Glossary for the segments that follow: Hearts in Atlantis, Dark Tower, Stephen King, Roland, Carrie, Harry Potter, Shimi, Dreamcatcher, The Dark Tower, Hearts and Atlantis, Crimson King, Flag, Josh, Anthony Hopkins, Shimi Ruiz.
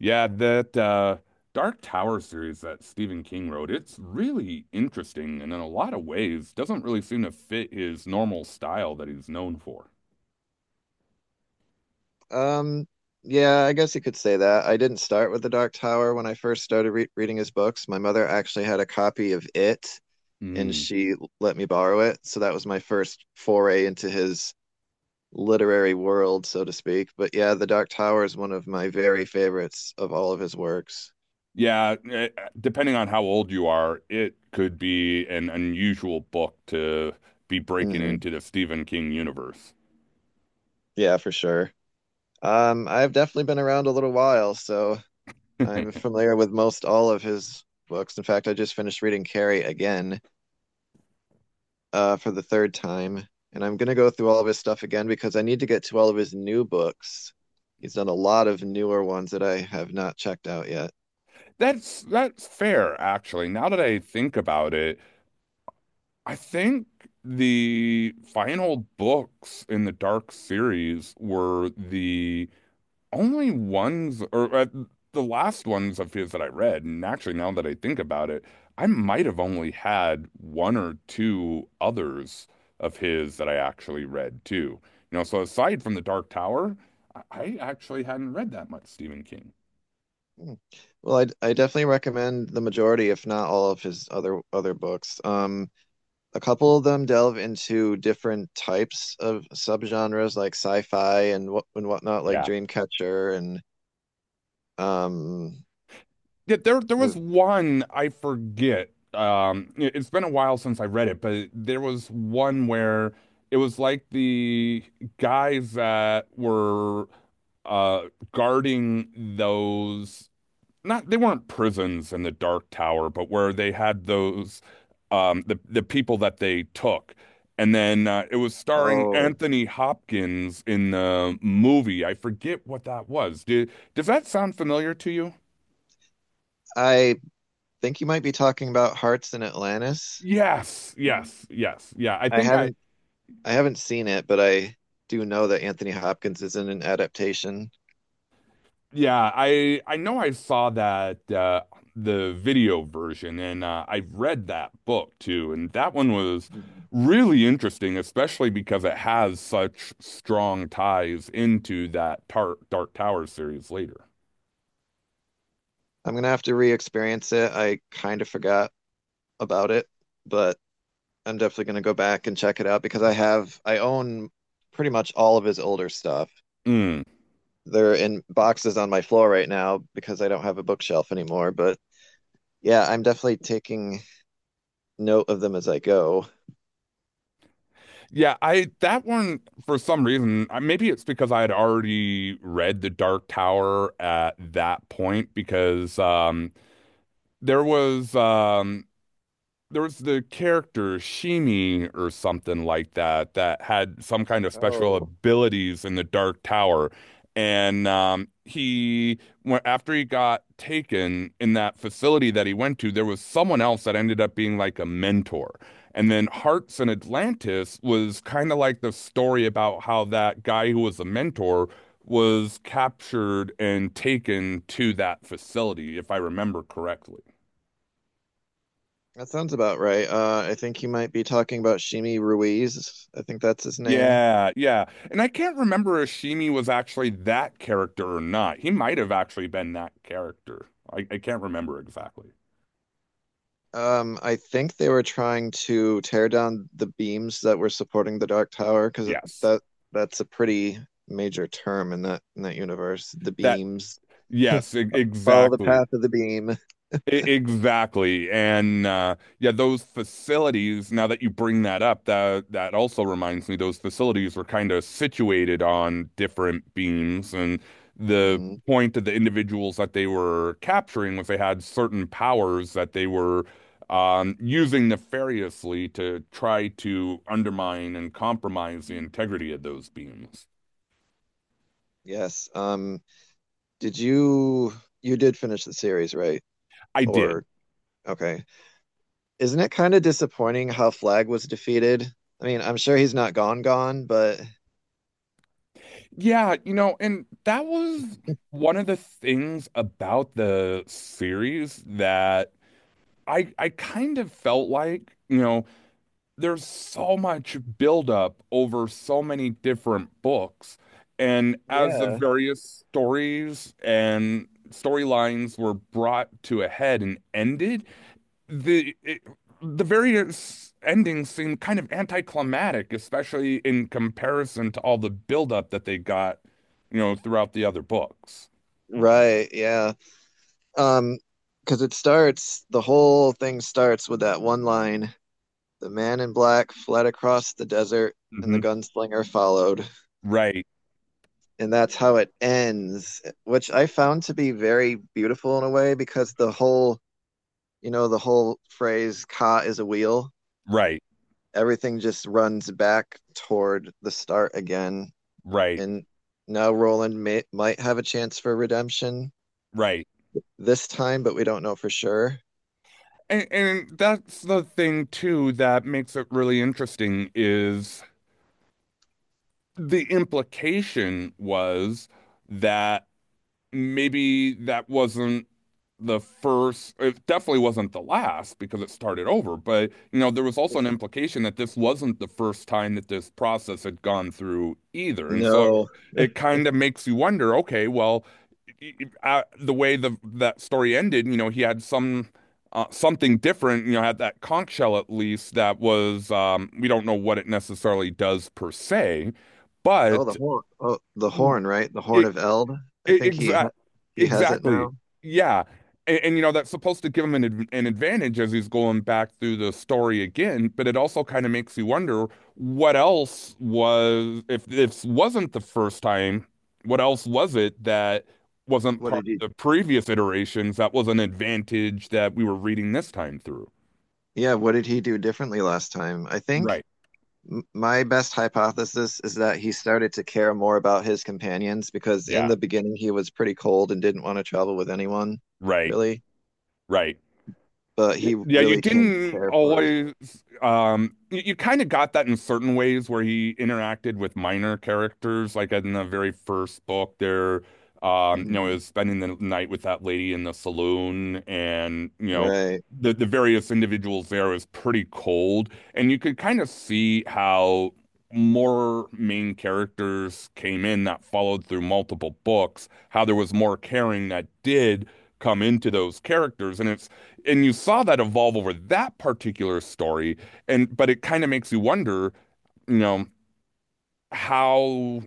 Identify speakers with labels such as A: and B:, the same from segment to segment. A: Yeah, that Dark Tower series that Stephen King wrote, it's really interesting and in a lot of ways doesn't really seem to fit his normal style that he's known for.
B: Um, yeah, I guess you could say that. I didn't start with The Dark Tower when I first started re reading his books. My mother actually had a copy of it, and
A: Mm.
B: she let me borrow it. So that was my first foray into his literary world, so to speak. But yeah, The Dark Tower is one of my very favorites of all of his works.
A: Yeah, depending on how old you are, it could be an unusual book to be breaking
B: Hmm.
A: into the Stephen King universe.
B: Yeah, for sure. I've definitely been around a little while, so I'm familiar with most all of his books. In fact, I just finished reading Carrie again, for the third time, and I'm gonna go through all of his stuff again because I need to get to all of his new books. He's done a lot of newer ones that I have not checked out yet.
A: That's fair, actually. Now that I think about it, I think the final books in the Dark series were the only ones, or the last ones of his that I read, and actually now that I think about it, I might have only had one or two others of his that I actually read too. You know, so aside from The Dark Tower, I actually hadn't read that much Stephen King.
B: Hmm. Well, I definitely recommend the majority, if not all of his other books. A couple of them delve into different types of subgenres like sci-fi and whatnot, like
A: Yeah,
B: Dreamcatcher and um.
A: yeah, there was one I forget. It's been a while since I read it, but there was one where it was like the guys that were uh guarding those, not they weren't prisons in the Dark Tower, but where they had those, the people that they took. And then it was starring
B: Oh,
A: Anthony Hopkins in the movie. I forget what that was. Did, does that sound familiar to you?
B: I think you might be talking about Hearts in Atlantis.
A: Yes, yes, yes. Yeah, I
B: I
A: think I
B: haven't I haven't seen it, but I do know that Anthony Hopkins is in an adaptation.
A: yeah, I know I saw that the video version, and I read that book too, and that one was
B: Mhm.
A: really interesting, especially because it has such strong ties into that tar Dark Tower series later.
B: I'm gonna have to re-experience it. I kind of forgot about it, but I'm definitely gonna go back and check it out because I own pretty much all of his older stuff.
A: Mm.
B: They're in boxes on my floor right now because I don't have a bookshelf anymore. But yeah, I'm definitely taking note of them as I go.
A: Yeah, I that one for some reason, maybe it's because I had already read The Dark Tower at that point because there was um there was the character Shimi or something like that that had some kind of special
B: Oh,
A: abilities in the Dark Tower. And he, after he got taken in that facility that he went to, there was someone else that ended up being like a mentor. And then Hearts and Atlantis was kind of like the story about how that guy who was a mentor was captured and taken to that facility, if I remember correctly.
B: that sounds about right. I think you might be talking about Shimi Ruiz. I think that's his name.
A: Yeah, yeah. And I can't remember if Shimi was actually that character or not. He might have actually been that character. I can't remember exactly.
B: I think they were trying to tear down the beams that were supporting the Dark Tower because
A: Yes.
B: that that's a pretty major term in that universe. The
A: That,
B: beams.
A: yes,
B: Follow the
A: exactly.
B: path of the beam.
A: Exactly. And yeah, those facilities, now that you bring that up, that also reminds me those facilities were kind of situated on different beams. And the
B: Hmm.
A: point of the individuals that they were capturing was they had certain powers that they were using nefariously to try to undermine and compromise the integrity of those beams.
B: Yes. Did you You did finish the series, right?
A: I did.
B: Or okay. Isn't it kind of disappointing how Flag was defeated? I mean, I'm sure he's not gone gone, but
A: Yeah, you know, and that was one of the things about the series that I kind of felt like, you know, there's so much buildup over so many different books, and as the
B: yeah.
A: various stories and storylines were brought to a head and ended, the it, the various endings seem kind of anticlimactic, especially in comparison to all the buildup that they got, you know, throughout the other books.
B: Right, yeah. Um, because it starts, the whole thing starts with that one line. The man in black fled across the desert, and the
A: hmm
B: gunslinger followed.
A: Right,
B: And that's how it ends, which I found to be very beautiful in a way because the whole, you know, the whole phrase, Ka is a wheel,
A: right,
B: everything just runs back toward the start again.
A: right,
B: And now Roland may, might have a chance for redemption
A: right.
B: this time, but we don't know for sure.
A: And that's the thing too that makes it really interesting is the implication was that maybe that wasn't the first, it definitely wasn't the last because it started over. But, you know, there was also an implication that this wasn't the first time that this process had gone through either. And so it,
B: No.
A: it kind of makes you wonder, okay, well, i- the way the that story ended, you know, he had some something different, you know, had that conch shell at least that was we don't know what it necessarily does per se,
B: Oh, the
A: but
B: horn. Oh, the horn, right? The horn
A: it,
B: of Eld. I think he ha-
A: exactly.
B: He has it
A: Exactly.
B: now.
A: Yeah. And you know, that's supposed to give him an an advantage as he's going back through the story again, but it also kind of makes you wonder what else was, if this wasn't the first time, what else was it that wasn't
B: What
A: part
B: did he?
A: of the previous iterations that was an advantage that we were reading this time through?
B: Yeah, what did he do differently last time?
A: Right.
B: My best hypothesis is that he started to care more about his companions because in
A: Yeah.
B: the beginning he was pretty cold and didn't want to travel with anyone,
A: Right.
B: really.
A: Right.
B: But
A: Y-
B: he
A: Yeah, you
B: really came to
A: didn't
B: care for his.
A: always. You, you kind of got that in certain ways where he interacted with minor characters, like in the very first book. There, you know,
B: Mhm.
A: is spending the night with that lady in the saloon, and you know,
B: Right.
A: the various individuals there is pretty cold, and you could kind of see how more main characters came in that followed through multiple books, how there was more caring that did come into those characters, and it's and you saw that evolve over that particular story, and but it kind of makes you wonder, you know, how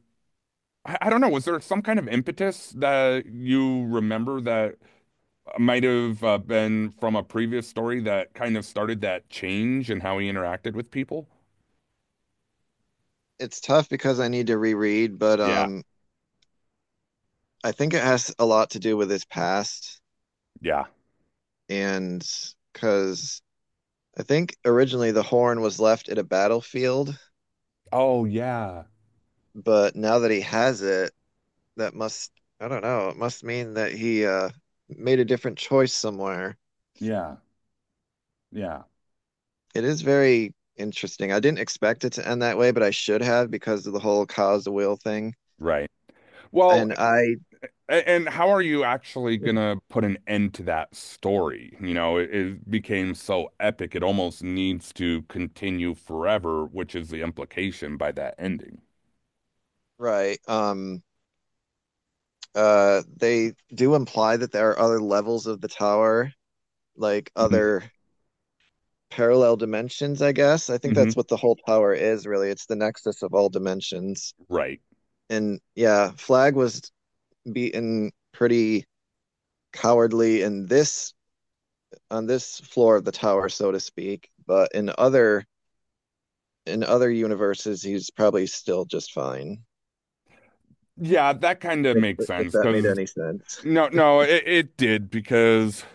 A: I don't know, was there some kind of impetus that you remember that might have been from a previous story that kind of started that change in how he interacted with people?
B: It's tough because I need to reread, but
A: Yeah.
B: I think it has a lot to do with his past,
A: Yeah.
B: and because I think originally the horn was left at a battlefield,
A: Oh, yeah.
B: but now that he has it, that must, I don't know, it must mean that he made a different choice somewhere.
A: Yeah. Yeah.
B: It is very interesting. I didn't expect it to end that way, but I should have because of the whole cause the wheel thing.
A: Right. Well,
B: And I,
A: A- and how are you actually gonna put an end to that story? You know, it became so epic, it almost needs to continue forever, which is the implication by that ending.
B: right, they do imply that there are other levels of the tower, like other parallel dimensions, I guess. I think
A: Mm-hmm.
B: that's what the whole tower is really. It's the nexus of all dimensions.
A: Right.
B: And yeah, Flag was beaten pretty cowardly in this on this floor of the tower, so to speak. But in other universes, he's probably still just fine.
A: Yeah, that kind of
B: If
A: makes
B: if
A: sense
B: that made
A: because
B: any sense,
A: no, no, it did because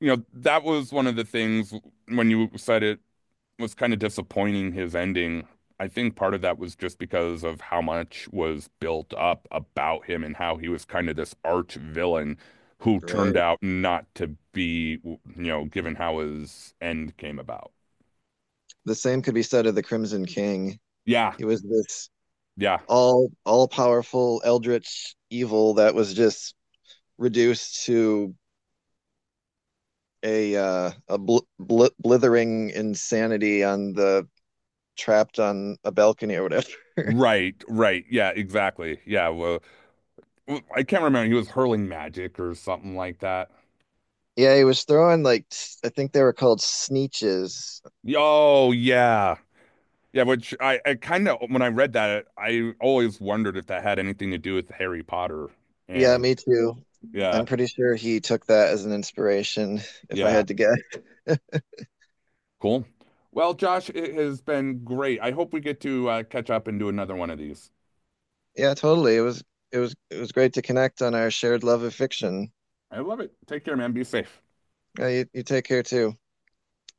A: you know that was one of the things when you said it was kind of disappointing his ending. I think part of that was just because of how much was built up about him and how he was kind of this arch villain who turned
B: right?
A: out not to be, you know, given how his end came about.
B: The same could be said of the Crimson King.
A: Yeah,
B: He was this
A: yeah.
B: all powerful eldritch evil that was just reduced to a blithering insanity on the trapped on a balcony or whatever.
A: Right, right. Yeah, exactly. Yeah, well, well, I can't remember. He was hurling magic or something like that.
B: Yeah, he was throwing like I think they were called sneeches.
A: Oh, yeah. Yeah, which I kind of, when I read that, I always wondered if that had anything to do with Harry Potter.
B: Yeah,
A: And
B: me too.
A: yeah,
B: I'm pretty sure he took that as an inspiration, if I
A: yeah.
B: had to guess.
A: Cool. Well, Josh, it has been great. I hope we get to catch up and do another one of these.
B: Yeah, totally. It was it was great to connect on our shared love of fiction.
A: I love it. Take care, man. Be safe.
B: Yeah, you take care too.